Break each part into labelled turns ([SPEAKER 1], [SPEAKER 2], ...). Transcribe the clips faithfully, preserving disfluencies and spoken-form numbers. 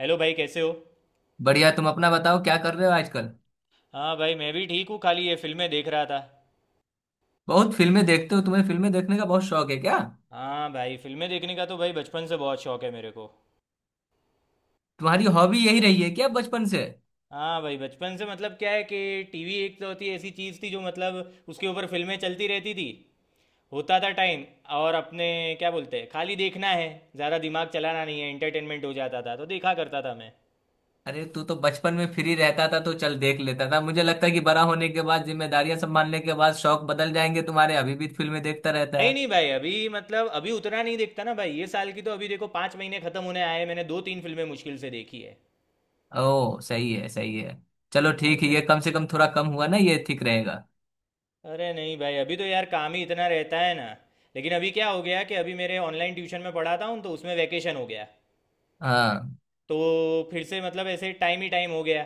[SPEAKER 1] Hello भाई कैसे हो।
[SPEAKER 2] बढ़िया। तुम अपना बताओ क्या कर रहे हो आजकल?
[SPEAKER 1] हाँ भाई मैं भी ठीक हूँ, खाली ये फिल्में देख रहा था।
[SPEAKER 2] बहुत फिल्में देखते हो। तुम्हें फिल्में देखने का बहुत शौक है क्या?
[SPEAKER 1] हाँ भाई फिल्में देखने का तो भाई बचपन से बहुत शौक है मेरे को।
[SPEAKER 2] तुम्हारी हॉबी यही रही है क्या बचपन से?
[SPEAKER 1] हाँ भाई बचपन से, मतलब क्या है कि टीवी एक तो होती ऐसी चीज़ थी जो, मतलब उसके ऊपर फिल्में चलती रहती थी। होता था टाइम, और अपने क्या बोलते हैं, खाली देखना है, ज़्यादा दिमाग चलाना नहीं है, एंटरटेनमेंट हो जाता था तो देखा करता था मैं।
[SPEAKER 2] अरे तू तो बचपन में फ्री रहता था तो चल देख लेता था। मुझे लगता है कि बड़ा होने के बाद जिम्मेदारियां संभालने के बाद शौक बदल जाएंगे तुम्हारे। अभी भी फिल्में देखता रहता
[SPEAKER 1] नहीं नहीं
[SPEAKER 2] है?
[SPEAKER 1] भाई, अभी मतलब अभी उतना नहीं देखता ना भाई, ये साल की तो अभी देखो पाँच महीने खत्म होने आए, मैंने दो तीन फिल्में मुश्किल से देखी है।
[SPEAKER 2] ओ सही है, सही है। चलो
[SPEAKER 1] हाँ
[SPEAKER 2] ठीक है,
[SPEAKER 1] भाई।
[SPEAKER 2] ये कम से कम थोड़ा कम हुआ ना, ये ठीक रहेगा।
[SPEAKER 1] अरे नहीं भाई, अभी तो यार काम ही इतना रहता है ना। लेकिन अभी क्या हो गया कि अभी मेरे ऑनलाइन ट्यूशन में पढ़ाता हूँ तो उसमें वैकेशन हो गया।
[SPEAKER 2] हाँ
[SPEAKER 1] तो फिर से मतलब ऐसे टाइम ही टाइम हो गया।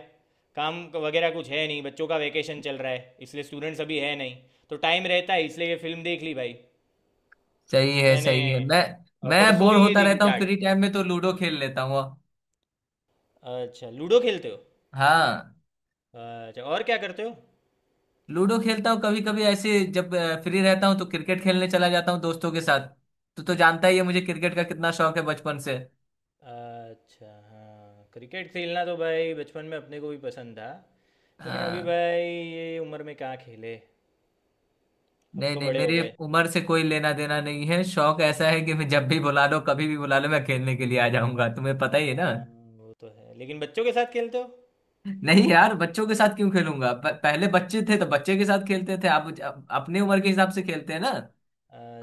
[SPEAKER 1] काम वगैरह कुछ है नहीं, बच्चों का वैकेशन चल रहा है इसलिए स्टूडेंट्स अभी है नहीं। तो टाइम रहता है इसलिए ये फिल्म देख ली भाई।
[SPEAKER 2] सही है,
[SPEAKER 1] मैंने
[SPEAKER 2] सही है। मैं
[SPEAKER 1] अ,
[SPEAKER 2] मैं
[SPEAKER 1] परसों
[SPEAKER 2] बोर
[SPEAKER 1] ही ये
[SPEAKER 2] होता
[SPEAKER 1] देखी
[SPEAKER 2] रहता हूँ
[SPEAKER 1] जाट।
[SPEAKER 2] फ्री टाइम में तो लूडो खेल लेता हूँ।
[SPEAKER 1] अच्छा लूडो खेलते हो।
[SPEAKER 2] हाँ।
[SPEAKER 1] अच्छा और क्या करते हो।
[SPEAKER 2] लूडो खेलता हूँ कभी कभी, ऐसे जब फ्री रहता हूँ तो क्रिकेट खेलने चला जाता हूँ दोस्तों के साथ। तो तो जानता ही है मुझे क्रिकेट का कितना शौक है बचपन से।
[SPEAKER 1] अच्छा हाँ, क्रिकेट खेलना तो भाई बचपन में अपने को भी पसंद था। लेकिन अभी
[SPEAKER 2] हाँ,
[SPEAKER 1] भाई ये उम्र में कहाँ खेले, अब
[SPEAKER 2] नहीं
[SPEAKER 1] तो
[SPEAKER 2] नहीं,
[SPEAKER 1] बड़े हो
[SPEAKER 2] मेरी
[SPEAKER 1] गए।
[SPEAKER 2] उम्र से कोई लेना देना नहीं है। शौक ऐसा है कि मैं, जब भी बुला लो कभी भी बुला लो मैं खेलने के लिए आ जाऊंगा। तुम्हें पता ही है ना।
[SPEAKER 1] हाँ, वो तो है लेकिन बच्चों के साथ खेलते हो।
[SPEAKER 2] नहीं यार, बच्चों के साथ क्यों खेलूंगा? प- पहले बच्चे थे तो बच्चे के साथ खेलते थे। आप आप अपनी उम्र के हिसाब से खेलते हैं ना।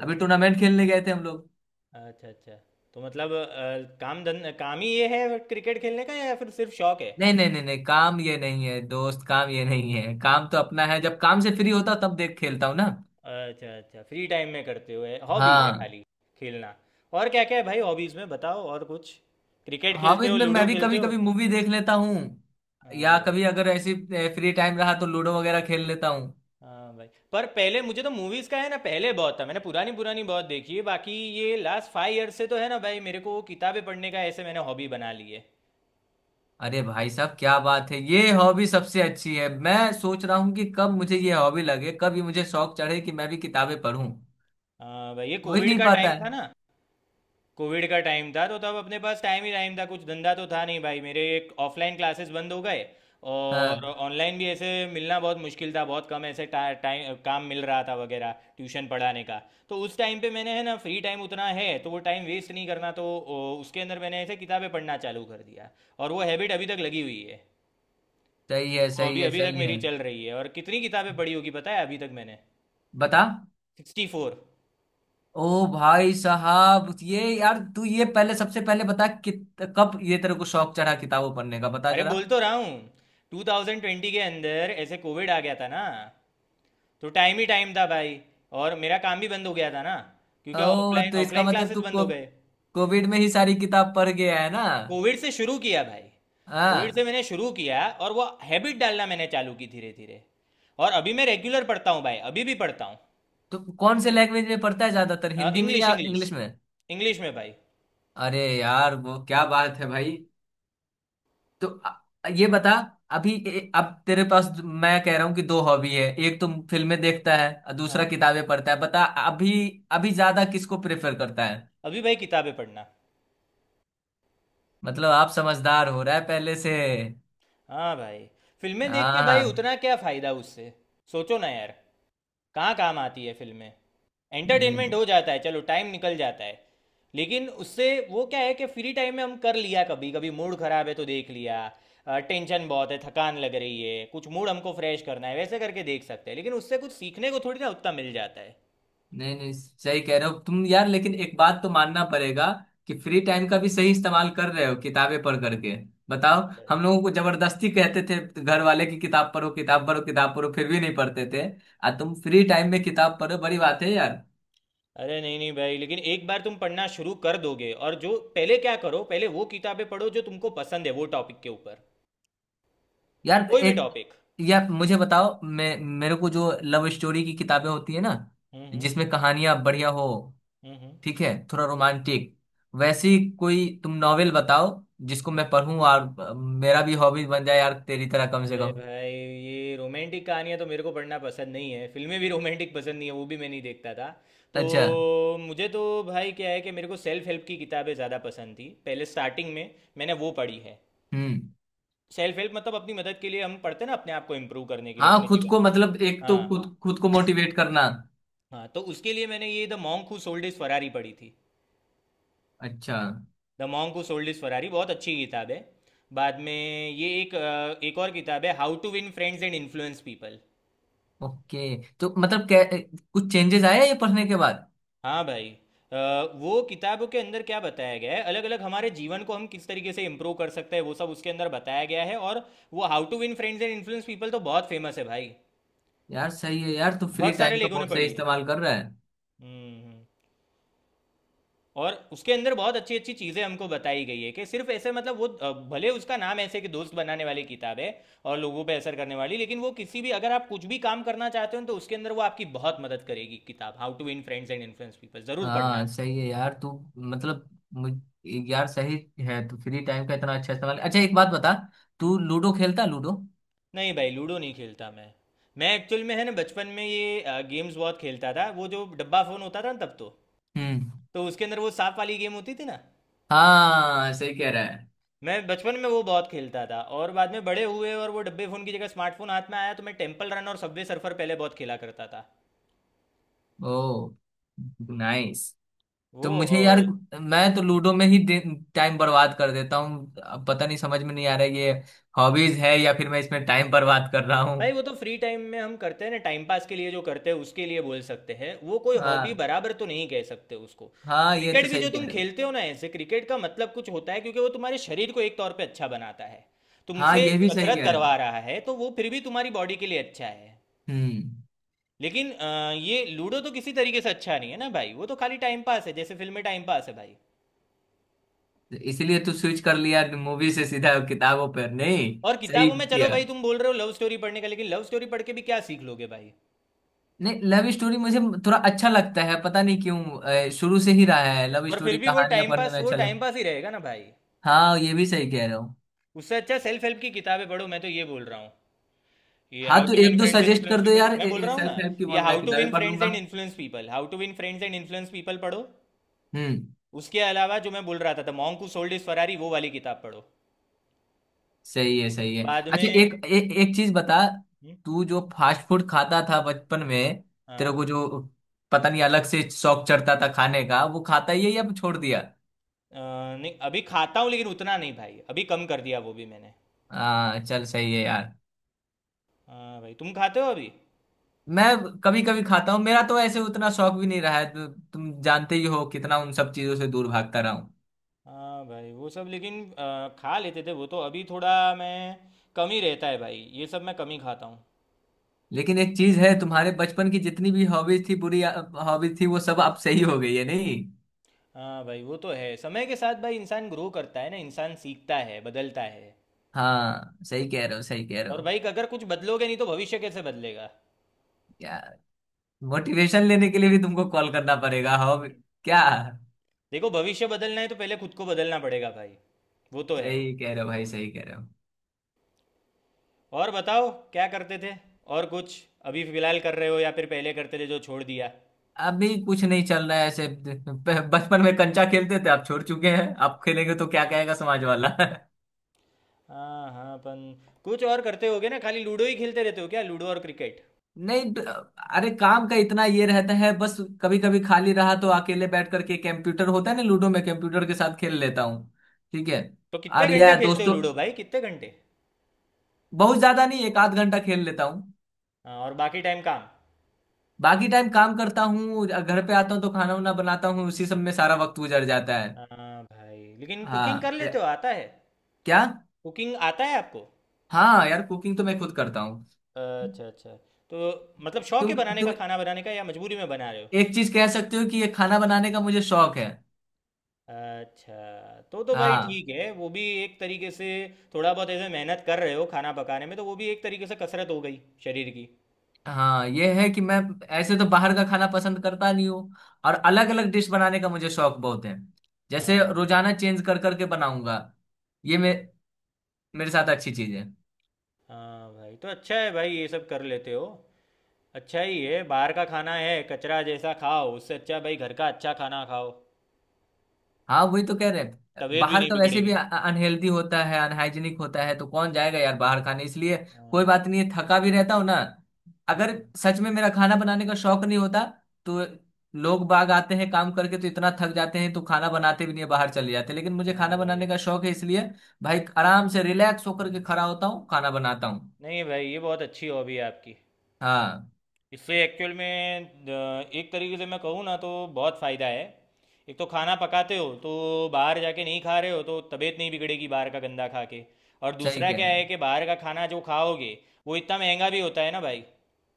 [SPEAKER 2] अभी टूर्नामेंट खेलने गए थे हम लोग।
[SPEAKER 1] अच्छा। अच्छा तो मतलब अ, काम धन काम ही ये है क्रिकेट खेलने का या फिर सिर्फ शौक है।
[SPEAKER 2] नहीं नहीं नहीं नहीं, काम ये नहीं है दोस्त, काम ये नहीं है, काम तो अपना है। जब काम से फ्री होता हूं, तब देख खेलता हूँ ना।
[SPEAKER 1] अच्छा अच्छा, फ्री टाइम में करते हुए हॉबी है,
[SPEAKER 2] हाँ।
[SPEAKER 1] खाली खेलना। और क्या क्या है भाई हॉबीज में बताओ और कुछ। क्रिकेट खेलते
[SPEAKER 2] हॉबीज
[SPEAKER 1] हो,
[SPEAKER 2] में
[SPEAKER 1] लूडो
[SPEAKER 2] मैं भी
[SPEAKER 1] खेलते
[SPEAKER 2] कभी
[SPEAKER 1] हो।
[SPEAKER 2] कभी मूवी देख लेता हूँ,
[SPEAKER 1] हाँ
[SPEAKER 2] या
[SPEAKER 1] भाई।
[SPEAKER 2] कभी अगर ऐसी फ्री टाइम रहा तो लूडो वगैरह खेल लेता हूँ।
[SPEAKER 1] हाँ भाई, पर पहले मुझे तो मूवीज का है ना, पहले बहुत था, मैंने पुरानी पुरानी बहुत देखी है। बाकी ये लास्ट फाइव ईयर से तो है ना भाई, मेरे को वो किताबें पढ़ने का ऐसे मैंने हॉबी बना ली है।
[SPEAKER 2] अरे भाई साहब क्या बात है, ये हॉबी सबसे अच्छी है। मैं सोच रहा हूँ कि कब मुझे ये हॉबी लगे, कब ये मुझे शौक चढ़े कि मैं भी किताबें पढूं।
[SPEAKER 1] हाँ भाई, ये
[SPEAKER 2] हो ही
[SPEAKER 1] कोविड
[SPEAKER 2] नहीं
[SPEAKER 1] का
[SPEAKER 2] पाता
[SPEAKER 1] टाइम था
[SPEAKER 2] है।
[SPEAKER 1] ना। कोविड का टाइम था तो तब अपने पास टाइम ही टाइम था, कुछ धंधा तो था नहीं भाई, मेरे एक ऑफलाइन क्लासेस बंद हो गए। और
[SPEAKER 2] हाँ
[SPEAKER 1] ऑनलाइन भी ऐसे मिलना बहुत मुश्किल था, बहुत कम ऐसे टा- टाइम काम मिल रहा था वगैरह, ट्यूशन पढ़ाने का। तो उस टाइम पे मैंने, है ना, फ्री टाइम उतना है तो वो टाइम वेस्ट नहीं करना, तो ओ, उसके अंदर मैंने ऐसे किताबें पढ़ना चालू कर दिया। और वो हैबिट अभी तक लगी हुई है।
[SPEAKER 2] सही है,
[SPEAKER 1] वो
[SPEAKER 2] सही
[SPEAKER 1] अभी
[SPEAKER 2] है,
[SPEAKER 1] अभी तक
[SPEAKER 2] सही है।
[SPEAKER 1] मेरी चल रही है और कितनी किताबें पढ़ी होगी पता है अभी तक मैंने।
[SPEAKER 2] बता।
[SPEAKER 1] Sixty four.
[SPEAKER 2] ओ भाई साहब ये, यार तू ये पहले, सबसे पहले बता, कित कब ये तेरे को शौक चढ़ा किताबें पढ़ने का, बता
[SPEAKER 1] अरे
[SPEAKER 2] जरा।
[SPEAKER 1] बोल तो रहा हूँ। टू थाउजेंड ट्वेंटी के अंदर ऐसे कोविड आ गया था ना। तो टाइम ही टाइम था भाई। और मेरा काम भी बंद हो गया था ना, क्योंकि
[SPEAKER 2] ओ
[SPEAKER 1] ऑफलाइन
[SPEAKER 2] तो इसका
[SPEAKER 1] ऑफलाइन
[SPEAKER 2] मतलब
[SPEAKER 1] क्लासेस
[SPEAKER 2] तू
[SPEAKER 1] बंद
[SPEAKER 2] को,
[SPEAKER 1] हो गए।
[SPEAKER 2] कोविड में ही सारी किताब पढ़ गया है ना?
[SPEAKER 1] कोविड से शुरू किया भाई। कोविड से
[SPEAKER 2] हाँ।
[SPEAKER 1] मैंने शुरू किया और वो हैबिट डालना मैंने चालू की धीरे धीरे। और अभी मैं रेगुलर पढ़ता हूँ भाई, अभी भी पढ़ता हूँ।
[SPEAKER 2] तो कौन से लैंग्वेज में पढ़ता है ज्यादातर, हिंदी में
[SPEAKER 1] इंग्लिश,
[SPEAKER 2] या
[SPEAKER 1] इंग्लिश,
[SPEAKER 2] इंग्लिश में?
[SPEAKER 1] इंग्लिश में भाई।
[SPEAKER 2] अरे यार वो क्या बात है भाई। तो अ- ये बता, अभी ए- अब तेरे पास, मैं कह रहा हूँ कि दो हॉबी है, एक तो फिल्में देखता है और दूसरा
[SPEAKER 1] हाँ।
[SPEAKER 2] किताबें पढ़ता है, बता अभी अभी ज्यादा किसको प्रेफर करता है?
[SPEAKER 1] अभी भाई किताबें पढ़ना।
[SPEAKER 2] मतलब आप समझदार हो रहा है पहले से।
[SPEAKER 1] हाँ भाई। फिल्में देख के
[SPEAKER 2] हाँ
[SPEAKER 1] भाई
[SPEAKER 2] हाँ।
[SPEAKER 1] उतना क्या फ़ायदा उससे। सोचो ना यार, कहाँ काम आती है फिल्में।
[SPEAKER 2] हम्म,
[SPEAKER 1] एंटरटेनमेंट हो जाता है, चलो टाइम निकल जाता है। लेकिन उससे वो क्या है कि फ्री टाइम में हम कर लिया, कभी कभी मूड खराब है तो देख लिया, टेंशन बहुत है, थकान लग रही है, कुछ मूड हमको फ्रेश करना है, वैसे करके देख सकते हैं, लेकिन उससे कुछ सीखने को थोड़ी ना उतना मिल जाता है।
[SPEAKER 2] नहीं नहीं, सही कह रहे हो तुम यार। लेकिन एक बात तो मानना पड़ेगा कि फ्री टाइम का भी सही इस्तेमाल कर रहे हो किताबें पढ़ करके।
[SPEAKER 1] हाँ
[SPEAKER 2] बताओ, हम
[SPEAKER 1] भाई।
[SPEAKER 2] लोगों को जबरदस्ती कहते थे घर वाले की, किताब पढ़ो किताब पढ़ो किताब पढ़ो, फिर भी नहीं पढ़ते थे। आ तुम फ्री टाइम में किताब पढ़ो, बड़ी बात है यार।
[SPEAKER 1] अरे नहीं नहीं भाई, लेकिन एक बार तुम पढ़ना शुरू कर दोगे, और जो पहले क्या करो, पहले वो किताबें पढ़ो जो तुमको पसंद है, वो टॉपिक के ऊपर,
[SPEAKER 2] यार
[SPEAKER 1] कोई भी
[SPEAKER 2] एक,
[SPEAKER 1] टॉपिक।
[SPEAKER 2] यार मुझे बताओ, मैं मेरे को जो लव स्टोरी की किताबें होती है ना
[SPEAKER 1] हम्म हम्म।
[SPEAKER 2] जिसमें कहानियां बढ़िया हो,
[SPEAKER 1] हम्म हम्म।
[SPEAKER 2] ठीक है, थोड़ा रोमांटिक वैसी, कोई तुम नॉवेल बताओ जिसको मैं पढ़ूं, और अ, मेरा भी हॉबी बन जाए यार तेरी तरह कम से
[SPEAKER 1] अरे
[SPEAKER 2] कम।
[SPEAKER 1] भाई ये रोमांटिक कहानियाँ तो मेरे को पढ़ना पसंद नहीं है, फिल्में भी रोमांटिक पसंद नहीं है, वो भी मैं नहीं देखता था। तो
[SPEAKER 2] अच्छा।
[SPEAKER 1] मुझे तो भाई क्या है कि मेरे को सेल्फ हेल्प की किताबें ज़्यादा पसंद थी, पहले स्टार्टिंग में मैंने वो पढ़ी है।
[SPEAKER 2] हम्म।
[SPEAKER 1] सेल्फ हेल्प मतलब अपनी मदद के लिए हम पढ़ते हैं ना, अपने आप को इम्प्रूव करने के लिए,
[SPEAKER 2] हाँ
[SPEAKER 1] अपने
[SPEAKER 2] खुद
[SPEAKER 1] जीवन
[SPEAKER 2] को
[SPEAKER 1] को।
[SPEAKER 2] मतलब, एक तो
[SPEAKER 1] हाँ।
[SPEAKER 2] खुद खुद को मोटिवेट करना।
[SPEAKER 1] हाँ तो उसके लिए मैंने ये the monk who sold his Ferrari पढ़ी थी।
[SPEAKER 2] अच्छा।
[SPEAKER 1] The monk who sold his Ferrari बहुत अच्छी किताब है। बाद में ये एक अ, एक और किताब है, how to win friends and influence people.
[SPEAKER 2] Okay तो मतलब क्या कुछ चेंजेस आया ये पढ़ने के बाद?
[SPEAKER 1] हाँ भाई। अ, वो किताबों के अंदर क्या बताया गया है, अलग अलग हमारे जीवन को हम किस तरीके से इम्प्रूव कर सकते हैं, वो सब उसके अंदर बताया गया है। और वो how to win friends and influence people तो बहुत फेमस है भाई,
[SPEAKER 2] यार सही है यार, तू फ्री
[SPEAKER 1] बहुत सारे
[SPEAKER 2] टाइम का
[SPEAKER 1] लोगों ने
[SPEAKER 2] बहुत सही
[SPEAKER 1] पढ़ी है।
[SPEAKER 2] इस्तेमाल कर रहा है।
[SPEAKER 1] हम्म हम्म। और उसके अंदर बहुत अच्छी अच्छी चीज़ें हमको बताई गई है कि सिर्फ ऐसे, मतलब वो अ, भले उसका नाम ऐसे कि दोस्त बनाने वाली किताब है और लोगों पे असर करने वाली, लेकिन वो किसी भी, अगर आप कुछ भी काम करना चाहते हो तो उसके अंदर वो आपकी बहुत मदद करेगी किताब, how to win friends and influence people ज़रूर पढ़ना।
[SPEAKER 2] हाँ सही है यार, तू, मतलब मुझ यार सही है, तू फ्री टाइम का इतना अच्छा इस्तेमाल। अच्छा एक बात बता,
[SPEAKER 1] हम्म।
[SPEAKER 2] तू लूडो खेलता है? लूडो?
[SPEAKER 1] नहीं भाई लूडो नहीं खेलता मैं। मैं एक्चुअल में है ना बचपन में ये आ, गेम्स बहुत खेलता था, वो जो डब्बा फ़ोन होता था ना तब, तो
[SPEAKER 2] हम्म।
[SPEAKER 1] तो उसके अंदर वो सांप वाली गेम होती थी ना।
[SPEAKER 2] हाँ सही कह रहा है।
[SPEAKER 1] मैं बचपन में वो बहुत खेलता था, और बाद में बड़े हुए और वो डब्बे फ़ोन की जगह स्मार्टफोन हाथ में आया तो मैं टेम्पल रन और सबवे सर्फर पहले बहुत खेला करता था।
[SPEAKER 2] ओ नाइस। तो
[SPEAKER 1] वो
[SPEAKER 2] मुझे यार,
[SPEAKER 1] और
[SPEAKER 2] मैं तो लूडो में ही टाइम बर्बाद कर देता हूँ। अब पता नहीं समझ में नहीं आ रहा है ये हॉबीज है या फिर मैं इसमें टाइम बर्बाद कर रहा हूँ।
[SPEAKER 1] भाई वो तो फ्री टाइम में हम करते हैं ना, टाइम पास के लिए जो करते हैं उसके लिए बोल सकते हैं, वो कोई हॉबी
[SPEAKER 2] हाँ
[SPEAKER 1] बराबर तो नहीं कह सकते उसको।
[SPEAKER 2] हाँ, ये तो
[SPEAKER 1] क्रिकेट भी
[SPEAKER 2] सही
[SPEAKER 1] जो
[SPEAKER 2] कह
[SPEAKER 1] तुम
[SPEAKER 2] रहे हो।
[SPEAKER 1] खेलते हो ना, ऐसे क्रिकेट का मतलब कुछ होता है क्योंकि वो तुम्हारे शरीर को एक तौर पे अच्छा बनाता है,
[SPEAKER 2] हाँ
[SPEAKER 1] तुमसे
[SPEAKER 2] ये भी सही
[SPEAKER 1] कसरत
[SPEAKER 2] कह रहे हो।
[SPEAKER 1] करवा रहा है तो वो फिर भी तुम्हारी बॉडी के लिए अच्छा है।
[SPEAKER 2] हम्म।
[SPEAKER 1] लेकिन अ, ये लूडो तो किसी तरीके से अच्छा नहीं है ना भाई, वो तो खाली टाइम पास है, जैसे फिल्म में टाइम पास है भाई।
[SPEAKER 2] तो इसलिए तू स्विच कर लिया मूवी से सीधा किताबों पर नहीं?
[SPEAKER 1] और
[SPEAKER 2] सही
[SPEAKER 1] किताबों में चलो
[SPEAKER 2] किया।
[SPEAKER 1] भाई, तुम बोल रहे हो लव स्टोरी पढ़ने का, लेकिन लव स्टोरी पढ़ के भी क्या सीख लोगे भाई।
[SPEAKER 2] नहीं, लव स्टोरी मुझे थोड़ा अच्छा लगता है पता नहीं क्यों। अ, शुरू से ही रहा है लव
[SPEAKER 1] पर फिर
[SPEAKER 2] स्टोरी
[SPEAKER 1] भी वो
[SPEAKER 2] कहानियां
[SPEAKER 1] टाइम
[SPEAKER 2] पढ़ने
[SPEAKER 1] पास,
[SPEAKER 2] में
[SPEAKER 1] वो
[SPEAKER 2] अच्छा
[SPEAKER 1] टाइम
[SPEAKER 2] लगता।
[SPEAKER 1] पास ही रहेगा ना भाई।
[SPEAKER 2] हाँ ये भी सही कह रहे हो।
[SPEAKER 1] उससे अच्छा सेल्फ हेल्प की किताबें पढ़ो, मैं तो ये बोल रहा हूँ। ये
[SPEAKER 2] हाँ
[SPEAKER 1] हाउ
[SPEAKER 2] तो
[SPEAKER 1] टू विन
[SPEAKER 2] एक दो
[SPEAKER 1] फ्रेंड्स एंड
[SPEAKER 2] सजेस्ट
[SPEAKER 1] इन्फ्लुएंस
[SPEAKER 2] कर दो
[SPEAKER 1] पीपल
[SPEAKER 2] यार
[SPEAKER 1] मैं बोल रहा हूँ ना।
[SPEAKER 2] सेल्फ हेल्प की,
[SPEAKER 1] ये
[SPEAKER 2] वो मैं
[SPEAKER 1] हाउ टू
[SPEAKER 2] किताबें
[SPEAKER 1] विन
[SPEAKER 2] पढ़
[SPEAKER 1] फ्रेंड्स
[SPEAKER 2] लूंगा।
[SPEAKER 1] And influence people, how to win friends and influence people पढ़ो।
[SPEAKER 2] हम्म।
[SPEAKER 1] उसके अलावा जो मैं बोल रहा था, the monk who sold his Ferrari, वो वाली किताब पढ़ो।
[SPEAKER 2] सही है, सही है।
[SPEAKER 1] बाद
[SPEAKER 2] अच्छा
[SPEAKER 1] में।
[SPEAKER 2] एक ए, एक चीज बता,
[SPEAKER 1] हम्म।
[SPEAKER 2] तू जो फास्ट फूड खाता था बचपन में, तेरे
[SPEAKER 1] हाँ।
[SPEAKER 2] को जो, पता नहीं अलग से शौक चढ़ता था खाने का, वो खाता ही है या छोड़ दिया?
[SPEAKER 1] अ, नहीं अभी खाता हूँ, लेकिन उतना नहीं भाई, अभी कम कर दिया वो भी मैंने।
[SPEAKER 2] हाँ चल सही है यार।
[SPEAKER 1] हाँ भाई तुम खाते हो अभी।
[SPEAKER 2] मैं कभी कभी खाता हूँ। मेरा तो ऐसे उतना शौक भी नहीं रहा है। तु, तुम जानते ही हो कितना उन सब चीजों से दूर भागता रहा हूँ।
[SPEAKER 1] हाँ भाई वो सब लेकिन अ, खा लेते थे वो तो, अभी थोड़ा मैं कम ही रहता है भाई, ये सब मैं कम ही खाता हूँ।
[SPEAKER 2] लेकिन एक चीज है, तुम्हारे बचपन की जितनी भी हॉबीज थी बुरी हॉबीज थी, वो सब अब सही हो गई है नहीं?
[SPEAKER 1] हाँ भाई, वो तो है, समय के साथ भाई इंसान ग्रो करता है ना, इंसान सीखता है, बदलता है।
[SPEAKER 2] हाँ सही कह रहे हो, सही कह रहे
[SPEAKER 1] और
[SPEAKER 2] हो।
[SPEAKER 1] भाई अगर कुछ बदलोगे नहीं तो भविष्य कैसे बदलेगा।
[SPEAKER 2] यार मोटिवेशन लेने के लिए भी तुमको कॉल करना पड़ेगा हो
[SPEAKER 1] हम्म।
[SPEAKER 2] क्या?
[SPEAKER 1] देखो भविष्य बदलना है तो पहले खुद को बदलना पड़ेगा भाई। वो तो है।
[SPEAKER 2] सही कह रहे हो भाई, सही कह रहे हो।
[SPEAKER 1] और बताओ क्या करते थे और कुछ, अभी फिलहाल कर रहे हो या फिर पहले करते थे जो छोड़ दिया।
[SPEAKER 2] अभी कुछ नहीं चल रहा है ऐसे, ब- बचपन में कंचा खेलते थे। आप छोड़ चुके हैं, आप खेलेंगे तो क्या कहेगा समाज वाला।
[SPEAKER 1] हाँ हाँ अपन। कुछ और करते होगे ना, खाली लूडो ही खेलते रहते हो क्या, लूडो और क्रिकेट।
[SPEAKER 2] नहीं ड- अरे काम का इतना ये रहता है बस। कभी कभी खाली रहा तो अकेले बैठ करके, कंप्यूटर होता है ना लूडो में, कंप्यूटर के साथ खेल लेता हूँ। ठीक है।
[SPEAKER 1] तो कितने
[SPEAKER 2] और
[SPEAKER 1] घंटे
[SPEAKER 2] या
[SPEAKER 1] खेलते हो
[SPEAKER 2] दोस्तों,
[SPEAKER 1] लूडो भाई, कितने घंटे।
[SPEAKER 2] बहुत ज्यादा नहीं, एक आध घंटा खेल लेता हूँ।
[SPEAKER 1] हाँ और बाकी टाइम काम।
[SPEAKER 2] बाकी टाइम काम करता हूँ। घर पे आता हूँ तो खाना वाना बनाता हूँ, उसी सब में सारा वक्त गुजर जाता है।
[SPEAKER 1] हाँ भाई लेकिन कुकिंग कर
[SPEAKER 2] हाँ
[SPEAKER 1] लेते हो,
[SPEAKER 2] ए-
[SPEAKER 1] आता है,
[SPEAKER 2] क्या?
[SPEAKER 1] कुकिंग आता है आपको।
[SPEAKER 2] हाँ यार, कुकिंग तो मैं खुद करता हूँ।
[SPEAKER 1] अच्छा अच्छा। तो मतलब शौक है
[SPEAKER 2] तुम
[SPEAKER 1] बनाने का,
[SPEAKER 2] तुम
[SPEAKER 1] खाना बनाने का या मजबूरी में बना रहे हो।
[SPEAKER 2] एक चीज कह सकते हो कि ये खाना बनाने का मुझे शौक है।
[SPEAKER 1] अच्छा, तो तो भाई
[SPEAKER 2] हाँ।
[SPEAKER 1] ठीक है, वो भी एक तरीके से थोड़ा बहुत ऐसे मेहनत कर रहे हो खाना पकाने में तो वो भी एक तरीके से कसरत हो गई शरीर की।
[SPEAKER 2] हाँ ये है कि मैं, ऐसे तो बाहर का खाना पसंद करता नहीं हूँ, और अलग अलग डिश बनाने का मुझे शौक बहुत है। जैसे
[SPEAKER 1] हाँ भाई।
[SPEAKER 2] रोजाना चेंज कर करके बनाऊंगा, ये मे, मेरे साथ अच्छी चीज है।
[SPEAKER 1] हाँ भाई तो अच्छा है भाई ये सब कर लेते हो। अच्छा ही है, बाहर का खाना है कचरा जैसा, खाओ उससे अच्छा भाई घर का अच्छा खाना खाओ,
[SPEAKER 2] हाँ वही तो कह रहे हैं,
[SPEAKER 1] तबीयत भी
[SPEAKER 2] बाहर
[SPEAKER 1] नहीं
[SPEAKER 2] का वैसे भी
[SPEAKER 1] बिगड़ेगी।
[SPEAKER 2] अनहेल्दी होता है, अनहाइजीनिक होता है,
[SPEAKER 1] हम्म,
[SPEAKER 2] तो कौन जाएगा यार बाहर खाने, इसलिए। कोई
[SPEAKER 1] हाँ।
[SPEAKER 2] बात नहीं है, थका भी रहता हूँ ना, अगर
[SPEAKER 1] हम्म,
[SPEAKER 2] सच में मेरा खाना बनाने का शौक नहीं होता तो, लोग बाग आते हैं काम करके तो इतना थक जाते हैं तो खाना बनाते भी नहीं है, बाहर चले जाते हैं। लेकिन मुझे
[SPEAKER 1] हाँ
[SPEAKER 2] खाना
[SPEAKER 1] भाई।
[SPEAKER 2] बनाने का शौक है इसलिए भाई आराम से रिलैक्स होकर के
[SPEAKER 1] हम्म।
[SPEAKER 2] खड़ा होता हूँ खाना बनाता हूँ।
[SPEAKER 1] नहीं भाई ये बहुत अच्छी हॉबी है आपकी।
[SPEAKER 2] हाँ
[SPEAKER 1] इससे एक्चुअल में अ, एक तरीके से मैं कहूँ ना तो बहुत फ़ायदा है। एक तो खाना पकाते हो तो बाहर जाके नहीं खा रहे हो तो तबीयत नहीं बिगड़ेगी बाहर का गंदा खा के। और
[SPEAKER 2] सही
[SPEAKER 1] दूसरा
[SPEAKER 2] कह
[SPEAKER 1] क्या
[SPEAKER 2] रहे हो,
[SPEAKER 1] है कि बाहर का खाना जो खाओगे वो इतना महंगा भी होता है ना भाई।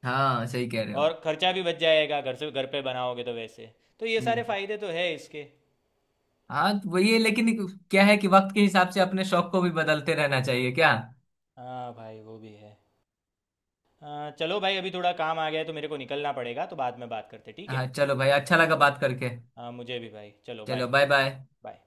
[SPEAKER 2] हाँ सही कह रहे हो।
[SPEAKER 1] और खर्चा भी बच जाएगा, घर से घर पे बनाओगे तो वैसे, तो ये सारे
[SPEAKER 2] हम्म।
[SPEAKER 1] फ़ायदे तो है इसके।
[SPEAKER 2] हाँ तो वही है, लेकिन क्या है कि वक्त के हिसाब से अपने शौक को भी बदलते रहना चाहिए क्या?
[SPEAKER 1] हाँ भाई वो भी है। हाँ, चलो भाई अभी थोड़ा काम आ गया है तो मेरे को निकलना पड़ेगा, तो बाद में बात करते, ठीक
[SPEAKER 2] हाँ
[SPEAKER 1] है।
[SPEAKER 2] चलो भाई, अच्छा लगा बात करके।
[SPEAKER 1] हाँ मुझे भी भाई, चलो
[SPEAKER 2] चलो
[SPEAKER 1] बाय।
[SPEAKER 2] Bye bye.
[SPEAKER 1] बाय।